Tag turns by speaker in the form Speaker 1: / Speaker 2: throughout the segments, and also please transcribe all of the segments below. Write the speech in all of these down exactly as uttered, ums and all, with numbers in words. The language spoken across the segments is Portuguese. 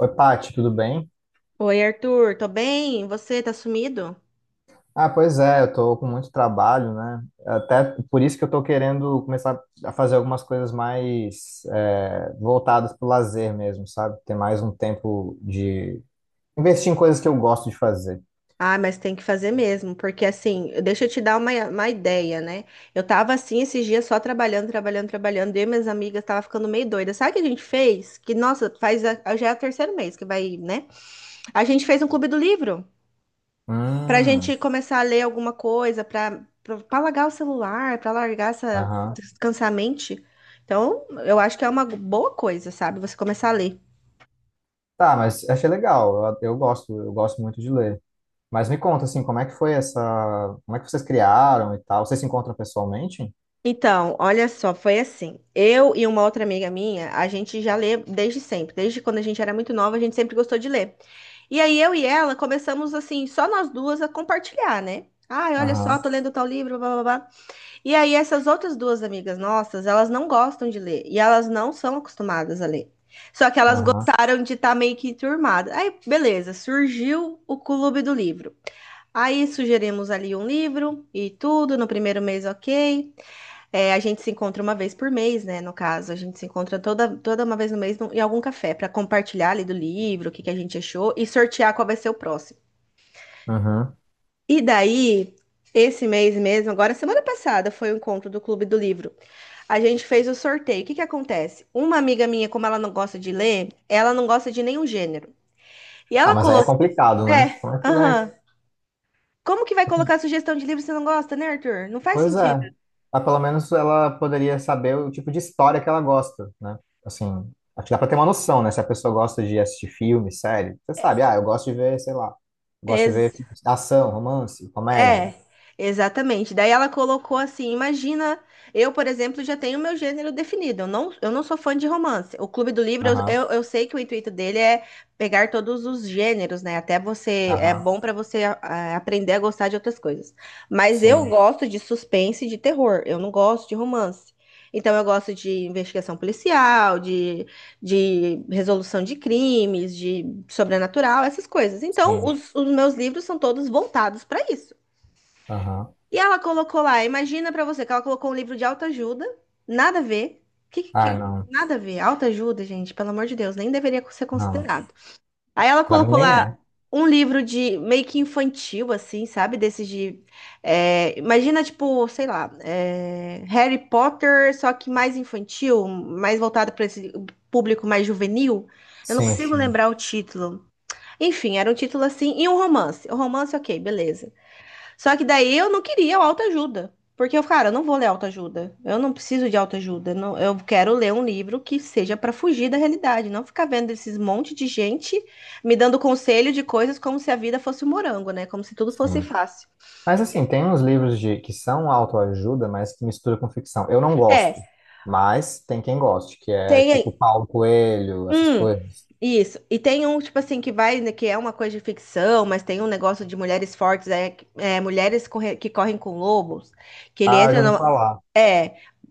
Speaker 1: Oi, Paty, tudo bem?
Speaker 2: Oi, Arthur, tô bem? Você tá sumido?
Speaker 1: Ah, pois é, eu tô com muito trabalho, né? Até por isso que eu tô querendo começar a fazer algumas coisas mais é, voltadas pro lazer mesmo, sabe? Ter mais um tempo de investir em coisas que eu gosto de fazer.
Speaker 2: Ah, mas tem que fazer mesmo, porque assim, deixa eu te dar uma, uma ideia, né? Eu tava assim esses dias só trabalhando, trabalhando, trabalhando, eu e minhas amigas tava ficando meio doida. Sabe o que a gente fez? Que, nossa, faz a- já é o terceiro mês que vai, né? A gente fez um clube do livro pra gente
Speaker 1: Hum,
Speaker 2: começar a ler alguma coisa, pra, pra, pra largar o celular, pra largar essa,
Speaker 1: aham.
Speaker 2: descansar a mente. Então, eu acho que é uma boa coisa, sabe? Você começar a ler.
Speaker 1: Tá, mas achei legal. Eu, eu gosto, eu gosto muito de ler. Mas me conta, assim, como é que foi essa... Como é que vocês criaram e tal? Vocês se encontram pessoalmente?
Speaker 2: Então, olha só, foi assim. Eu e uma outra amiga minha, a gente já lê desde sempre. Desde quando a gente era muito nova, a gente sempre gostou de ler. E aí eu e ela começamos assim, só nós duas a compartilhar, né? Ai, olha só,
Speaker 1: Aham,
Speaker 2: tô lendo tal livro, blá, blá, blá. E aí essas outras duas amigas nossas, elas não gostam de ler e elas não são acostumadas a ler. Só que elas
Speaker 1: aham,
Speaker 2: gostaram de estar meio que turmada. Aí, beleza, surgiu o clube do livro. Aí sugerimos ali um livro e tudo, no primeiro mês, ok. É, a gente se encontra uma vez por mês, né? No caso, a gente se encontra toda, toda uma vez no mês num- em algum café para compartilhar ali do livro, o que que a gente achou e sortear qual vai ser o próximo.
Speaker 1: aham.
Speaker 2: E daí, esse mês mesmo, agora semana passada foi o encontro do Clube do Livro. A gente fez o sorteio. O que que acontece? Uma amiga minha, como ela não gosta de ler, ela não gosta de nenhum gênero. E
Speaker 1: Ah,
Speaker 2: ela
Speaker 1: mas aí é
Speaker 2: colocou.
Speaker 1: complicado, né?
Speaker 2: É,
Speaker 1: Como é que vai?
Speaker 2: aham. Como que vai colocar sugestão de livro se não gosta, né, Arthur? Não faz
Speaker 1: Pois
Speaker 2: sentido.
Speaker 1: é. Mas pelo menos ela poderia saber o tipo de história que ela gosta, né? Assim, acho que dá pra ter uma noção, né? Se a pessoa gosta de assistir filme, série, você sabe, ah, eu gosto de ver, sei lá, gosto de ver
Speaker 2: Exato.
Speaker 1: ação, romance, comédia.
Speaker 2: É, exatamente. Daí ela colocou assim: imagina, eu, por exemplo, já tenho meu gênero definido. Eu não, eu não sou fã de romance. O Clube do Livro, eu, eu,
Speaker 1: Aham,
Speaker 2: eu sei que o intuito dele é pegar todos os gêneros, né? Até você, é
Speaker 1: aham,
Speaker 2: bom pra você ah, aprender a gostar de outras coisas. Mas eu
Speaker 1: sim,
Speaker 2: gosto de suspense e de terror. Eu não gosto de romance. Então, eu gosto de investigação policial, de, de resolução de crimes, de sobrenatural, essas coisas. Então,
Speaker 1: sim.
Speaker 2: os, os meus livros são todos voltados para isso.
Speaker 1: Aham.
Speaker 2: E ela colocou lá, imagina pra você que ela colocou um livro de autoajuda, nada a ver. Que, que-
Speaker 1: Ah,
Speaker 2: que-
Speaker 1: não,
Speaker 2: nada a ver, autoajuda, gente, pelo amor de Deus, nem deveria ser
Speaker 1: não.
Speaker 2: considerado. Aí ela
Speaker 1: Pra mim
Speaker 2: colocou
Speaker 1: nem é.
Speaker 2: lá um livro de meio que infantil, assim, sabe? Desses de. É, imagina, tipo, sei lá, é, Harry Potter, só que mais infantil, mais voltado para esse público mais juvenil. Eu não
Speaker 1: Sim,
Speaker 2: consigo
Speaker 1: sim,
Speaker 2: lembrar o título. Enfim, era um título assim, e um romance. O romance, ok, beleza. Só que daí eu não queria o autoajuda. Porque eu, cara, eu não vou ler autoajuda. Eu não preciso de autoajuda. Não, eu quero ler um livro que seja para fugir da realidade, não ficar vendo esses monte de gente me dando conselho de coisas como se a vida fosse um morango, né? Como se tudo fosse
Speaker 1: sim.
Speaker 2: fácil.
Speaker 1: Mas assim, tem uns livros de que são autoajuda, mas que misturam com ficção. Eu não
Speaker 2: É,
Speaker 1: gosto, mas tem quem goste, que é
Speaker 2: tem
Speaker 1: tipo Paulo Coelho, essas
Speaker 2: um
Speaker 1: coisas.
Speaker 2: isso. E tem um, tipo assim, que vai, né, que é uma coisa de ficção, mas tem um negócio de mulheres fortes, é, é, mulheres corre- que correm com lobos, que ele
Speaker 1: Ah, eu
Speaker 2: entra
Speaker 1: já ouvi
Speaker 2: numa.
Speaker 1: falar.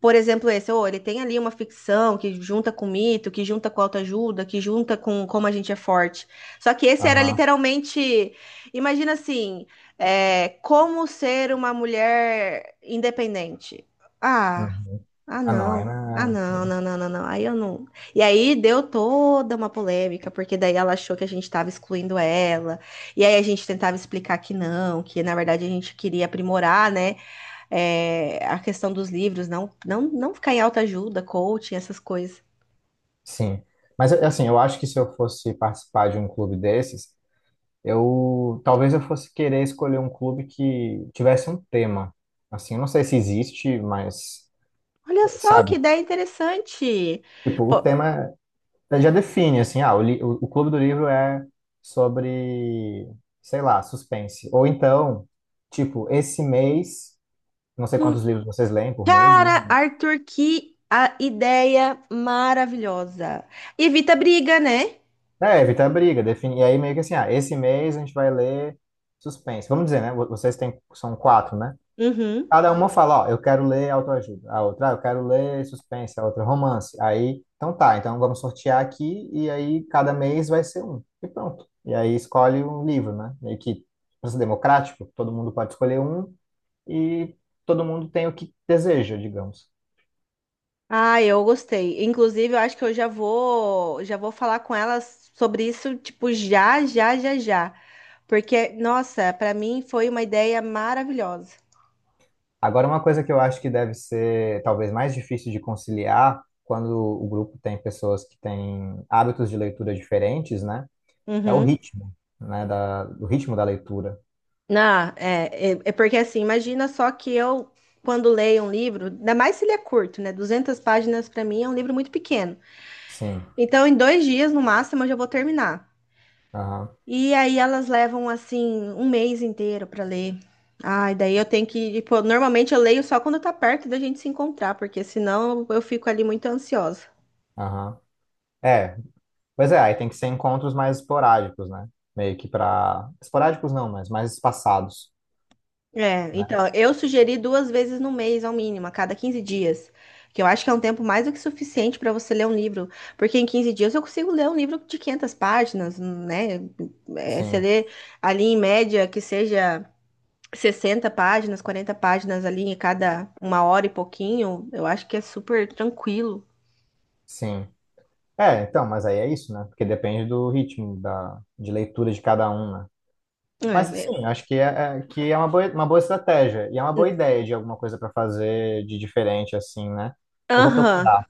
Speaker 2: Por exemplo, esse, ou ele tem ali uma ficção que junta com mito, que junta com autoajuda, que junta com como a gente é forte. Só que esse era
Speaker 1: Aham.
Speaker 2: literalmente, imagina assim, é, como ser uma mulher independente. Ah,
Speaker 1: Uhum.
Speaker 2: ah
Speaker 1: Ah, não, é
Speaker 2: não,
Speaker 1: não
Speaker 2: ah
Speaker 1: é.
Speaker 2: não, não, não, não, não. Aí eu não. E aí deu toda uma polêmica, porque daí ela achou que a gente estava excluindo ela. E aí a gente tentava explicar que não, que na verdade a gente queria aprimorar, né? É, a questão dos livros, não, não, não ficar em autoajuda, coaching, essas coisas.
Speaker 1: Sim. Mas assim, eu acho que se eu fosse participar de um clube desses, eu talvez eu fosse querer escolher um clube que tivesse um tema. Assim, eu não sei se existe, mas
Speaker 2: Olha só que
Speaker 1: sabe?
Speaker 2: ideia interessante.
Speaker 1: Tipo, o
Speaker 2: Pô,
Speaker 1: tema já define, assim, ah, o, li- o, o clube do livro é sobre, sei lá, suspense. Ou então, tipo, esse mês, não sei quantos
Speaker 2: hum,
Speaker 1: livros vocês leem por mês, né?
Speaker 2: cara, Arthur, que a ideia maravilhosa. Evita briga, né?
Speaker 1: É, evitar briga, definir. E aí meio que assim, ah, esse mês a gente vai ler suspense. Vamos dizer, né? Vocês têm, são quatro, né?
Speaker 2: Uhum.
Speaker 1: Cada uma fala, ó, eu quero ler autoajuda. A outra, ah, eu quero ler suspense. A outra, romance. Aí, então tá, então vamos sortear aqui e aí cada mês vai ser um. E pronto. E aí escolhe um livro, né? Meio que pra ser democrático, todo mundo pode escolher um e todo mundo tem o que deseja, digamos.
Speaker 2: Ah, eu gostei. Inclusive, eu acho que eu já vou, já vou falar com elas sobre isso, tipo, já, já, já, já. Porque, nossa, pra mim foi uma ideia maravilhosa.
Speaker 1: Agora, uma coisa que eu acho que deve ser talvez mais difícil de conciliar quando o grupo tem pessoas que têm hábitos de leitura diferentes, né? É o
Speaker 2: Uhum.
Speaker 1: ritmo, né? Da, o ritmo da leitura.
Speaker 2: Ah, é, é, é porque assim, imagina só que eu, quando leio um livro, ainda mais se ele é curto, né? Duzentas páginas para mim é um livro muito pequeno.
Speaker 1: Sim.
Speaker 2: Então, em dois dias, no máximo, eu já vou terminar.
Speaker 1: Aham.
Speaker 2: E aí elas levam, assim, um mês inteiro para ler. Ai, daí eu tenho que, tipo, normalmente eu leio só quando tá perto da gente se encontrar, porque senão eu fico ali muito ansiosa.
Speaker 1: Aham. É, pois é, aí tem que ser encontros mais esporádicos, né? Meio que para esporádicos não, mas mais espaçados,
Speaker 2: É,
Speaker 1: né?
Speaker 2: então, eu sugeri duas vezes no mês, ao mínimo, a cada quinze dias. Que eu acho que é um tempo mais do que suficiente para você ler um livro. Porque em quinze dias eu consigo ler um livro de quinhentas páginas, né? É, você
Speaker 1: Sim,
Speaker 2: lê ali em média que seja sessenta páginas, quarenta páginas ali em cada uma hora e pouquinho, eu acho que é super tranquilo.
Speaker 1: sim. É, então, mas aí é isso, né? Porque depende do ritmo da... de leitura de cada um, né?
Speaker 2: É,
Speaker 1: Mas
Speaker 2: é-
Speaker 1: sim, acho que é, é- que é uma boa, uma boa estratégia e é uma boa ideia de alguma coisa para fazer de diferente, assim, né? Eu vou
Speaker 2: aham.
Speaker 1: procurar,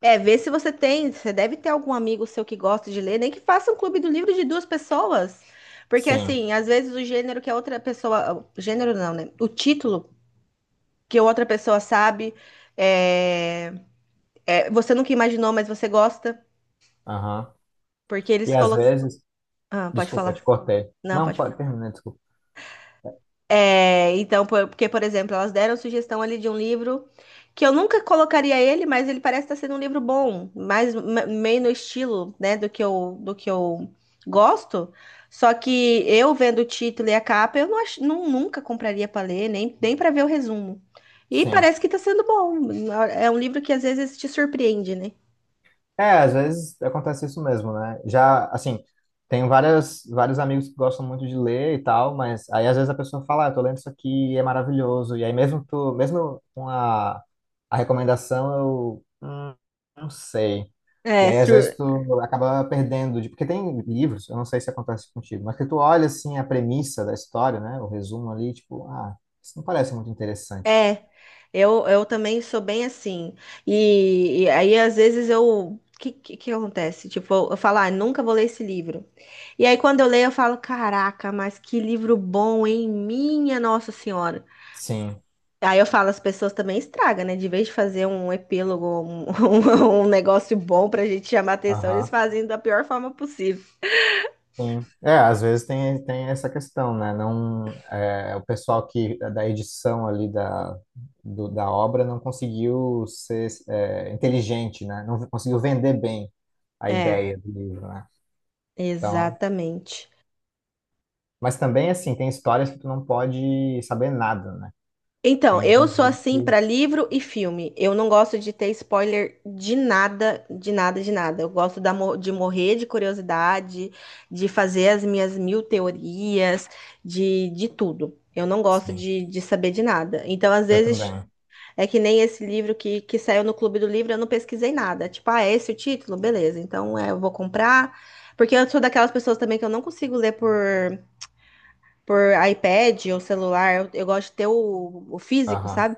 Speaker 2: É, vê se você tem, você deve ter algum amigo seu que gosta de ler, nem que faça um clube do livro de duas pessoas. Porque
Speaker 1: sim.
Speaker 2: assim, às vezes o gênero que a outra pessoa, o gênero não, né? O título que a outra pessoa sabe, é, é, você nunca imaginou, mas você gosta,
Speaker 1: Aham.
Speaker 2: porque
Speaker 1: E
Speaker 2: eles
Speaker 1: às
Speaker 2: colocam.
Speaker 1: vezes.
Speaker 2: Ah, pode
Speaker 1: Desculpa, te
Speaker 2: falar.
Speaker 1: cortei.
Speaker 2: Não,
Speaker 1: Não,
Speaker 2: pode.
Speaker 1: pode terminar, desculpa.
Speaker 2: É, então, por- porque, por exemplo, elas deram sugestão ali de um livro que eu nunca colocaria ele, mas ele parece estar sendo um livro bom, mais me- meio no estilo, né, do que eu, do que eu gosto. Só que eu vendo o título e a capa, eu não, ach- não- nunca compraria para ler, nem, nem para ver o resumo. E
Speaker 1: Sim.
Speaker 2: parece que está sendo bom. É um livro que às vezes te surpreende, né?
Speaker 1: É, às vezes acontece isso mesmo, né? Já, assim, tenho várias, vários amigos que gostam muito de ler e tal, mas aí às vezes a pessoa fala, ah, eu tô lendo isso aqui e é maravilhoso. E aí mesmo tu, mesmo com a, a recomendação, eu hum, não sei. E
Speaker 2: É,
Speaker 1: aí às vezes tu acaba perdendo de, porque tem livros, eu não sei se acontece contigo, mas que tu olha assim a premissa da história, né? O resumo ali, tipo, ah, isso não parece muito interessante.
Speaker 2: é, eu, eu também sou bem assim. E, e aí, às vezes, eu. O que, que, que acontece? Tipo, eu, eu falo, ah, nunca vou ler esse livro. E aí, quando eu leio, eu falo, caraca, mas que livro bom, hein? Minha Nossa Senhora.
Speaker 1: Sim.
Speaker 2: Aí eu falo, as pessoas também estragam, né? De vez de fazer um epílogo, um, um, um negócio bom pra gente chamar atenção, eles
Speaker 1: Aham.
Speaker 2: fazem da pior forma possível.
Speaker 1: Sim. É, às vezes tem, tem essa questão, né? Não, é, o pessoal que da edição ali da, do- da obra não conseguiu ser é, inteligente, né? Não conseguiu vender bem a
Speaker 2: É,
Speaker 1: ideia do livro, né? Então,
Speaker 2: exatamente.
Speaker 1: mas também, assim, tem histórias que tu não pode saber nada, né?
Speaker 2: Então,
Speaker 1: Tem
Speaker 2: eu
Speaker 1: alguns
Speaker 2: sou
Speaker 1: livros
Speaker 2: assim para
Speaker 1: que...
Speaker 2: livro e filme. Eu não gosto de ter spoiler de nada, de nada, de nada. Eu gosto da mo- de morrer de curiosidade, de fazer as minhas mil teorias, de, de tudo. Eu não gosto
Speaker 1: Sim,
Speaker 2: de, de saber de nada. Então, às
Speaker 1: eu
Speaker 2: vezes,
Speaker 1: também.
Speaker 2: é que nem esse livro que, que saiu no Clube do Livro, eu não pesquisei nada. Tipo, ah, é esse o título? Beleza, então é, eu vou comprar. Porque eu sou daquelas pessoas também que eu não consigo ler por, por iPad ou celular. Eu, eu gosto de ter o o físico,
Speaker 1: Aham.
Speaker 2: sabe?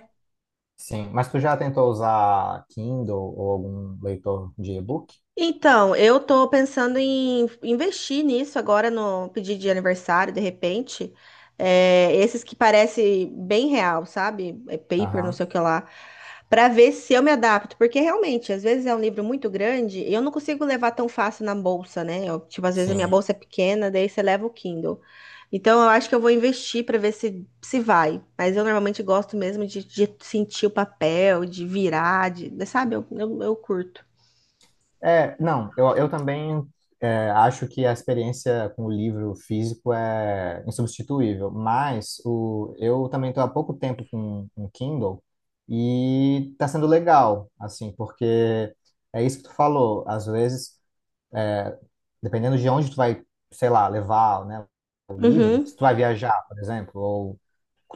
Speaker 1: Sim, mas tu já tentou usar Kindle ou algum leitor de e-book?
Speaker 2: Então, eu tô pensando em investir nisso agora no pedido de aniversário, de repente. É, esses que parece bem real, sabe? É paper, não
Speaker 1: Aham.
Speaker 2: sei o que lá. Pra ver se eu me adapto, porque realmente, às vezes é um livro muito grande e eu não consigo levar tão fácil na bolsa, né? Eu, tipo, às vezes a minha
Speaker 1: Sim.
Speaker 2: bolsa é pequena, daí você leva o Kindle. Então, eu acho que eu vou investir pra ver se se vai. Mas eu normalmente gosto mesmo de, de sentir o papel, de virar, de, sabe? eu, eu eu curto.
Speaker 1: É, não, eu, eu também é, acho que a experiência com o livro físico é insubstituível, mas o, eu também estou há pouco tempo com um Kindle e está sendo legal, assim, porque é isso que tu falou, às vezes, dependendo de onde tu vai, sei lá, levar, né, o livro,
Speaker 2: Uhum.
Speaker 1: se tu vai viajar, por exemplo, ou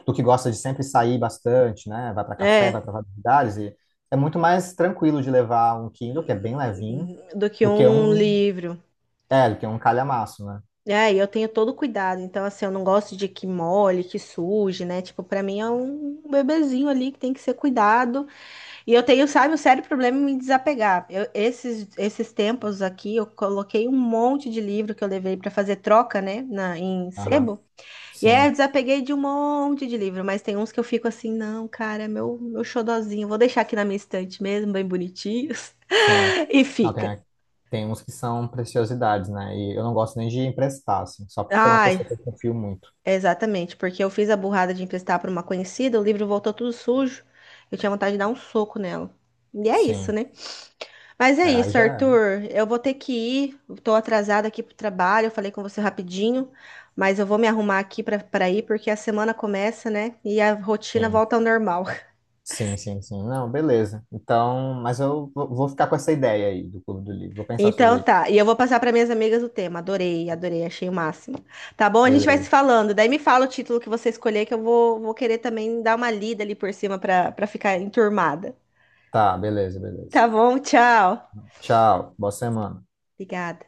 Speaker 1: tu que gosta de sempre sair bastante, né, vai para café, vai
Speaker 2: É,
Speaker 1: para vários lugares, e é muito mais tranquilo de levar um Kindle, que é bem levinho,
Speaker 2: do que
Speaker 1: do que
Speaker 2: um
Speaker 1: um
Speaker 2: livro.
Speaker 1: é, ele tem um calhamaço, né?
Speaker 2: É, e eu tenho todo o cuidado. Então, assim, eu não gosto de que molhe, que suje, né? Tipo, pra mim é um bebezinho ali que tem que ser cuidado. E eu tenho, sabe, um sério problema em me desapegar. Eu, esses, esses tempos aqui, eu coloquei um monte de livro que eu levei pra fazer troca, né? Na, em
Speaker 1: Aham,
Speaker 2: sebo. E aí eu
Speaker 1: sim,
Speaker 2: desapeguei de um monte de livro. Mas tem uns que eu fico assim, não, cara, é meu, meu xodozinho. Vou deixar aqui na minha estante mesmo, bem bonitinhos.
Speaker 1: sim.
Speaker 2: E
Speaker 1: Não, tem,
Speaker 2: fica.
Speaker 1: a- tem uns que são preciosidades, né? E eu não gosto nem de emprestar, assim, só se for uma
Speaker 2: Ai,
Speaker 1: pessoa que eu confio muito.
Speaker 2: exatamente, porque eu fiz a burrada de emprestar para uma conhecida, o livro voltou tudo sujo. Eu tinha vontade de dar um soco nela. E é isso,
Speaker 1: Sim,
Speaker 2: né? Mas é
Speaker 1: é, aí
Speaker 2: isso,
Speaker 1: já é.
Speaker 2: Arthur. Eu vou ter que ir. Eu tô atrasada aqui pro trabalho. Eu falei com você rapidinho, mas eu vou me arrumar aqui para para ir porque a semana começa, né? E a rotina
Speaker 1: Sim,
Speaker 2: volta ao normal.
Speaker 1: sim, sim, sim. Não, beleza. Então, mas eu vou vou ficar com essa ideia aí do Clube do Livro. Vou pensar
Speaker 2: Então
Speaker 1: sobre isso.
Speaker 2: tá. E eu vou passar para minhas amigas o tema. Adorei, adorei, achei o máximo. Tá bom? A gente vai se
Speaker 1: Beleza.
Speaker 2: falando. Daí me fala o título que você escolher que eu vou, vou querer também dar uma lida ali por cima para para ficar enturmada.
Speaker 1: Tá, beleza, beleza.
Speaker 2: Tá bom, tchau.
Speaker 1: Tchau, boa semana.
Speaker 2: Obrigada.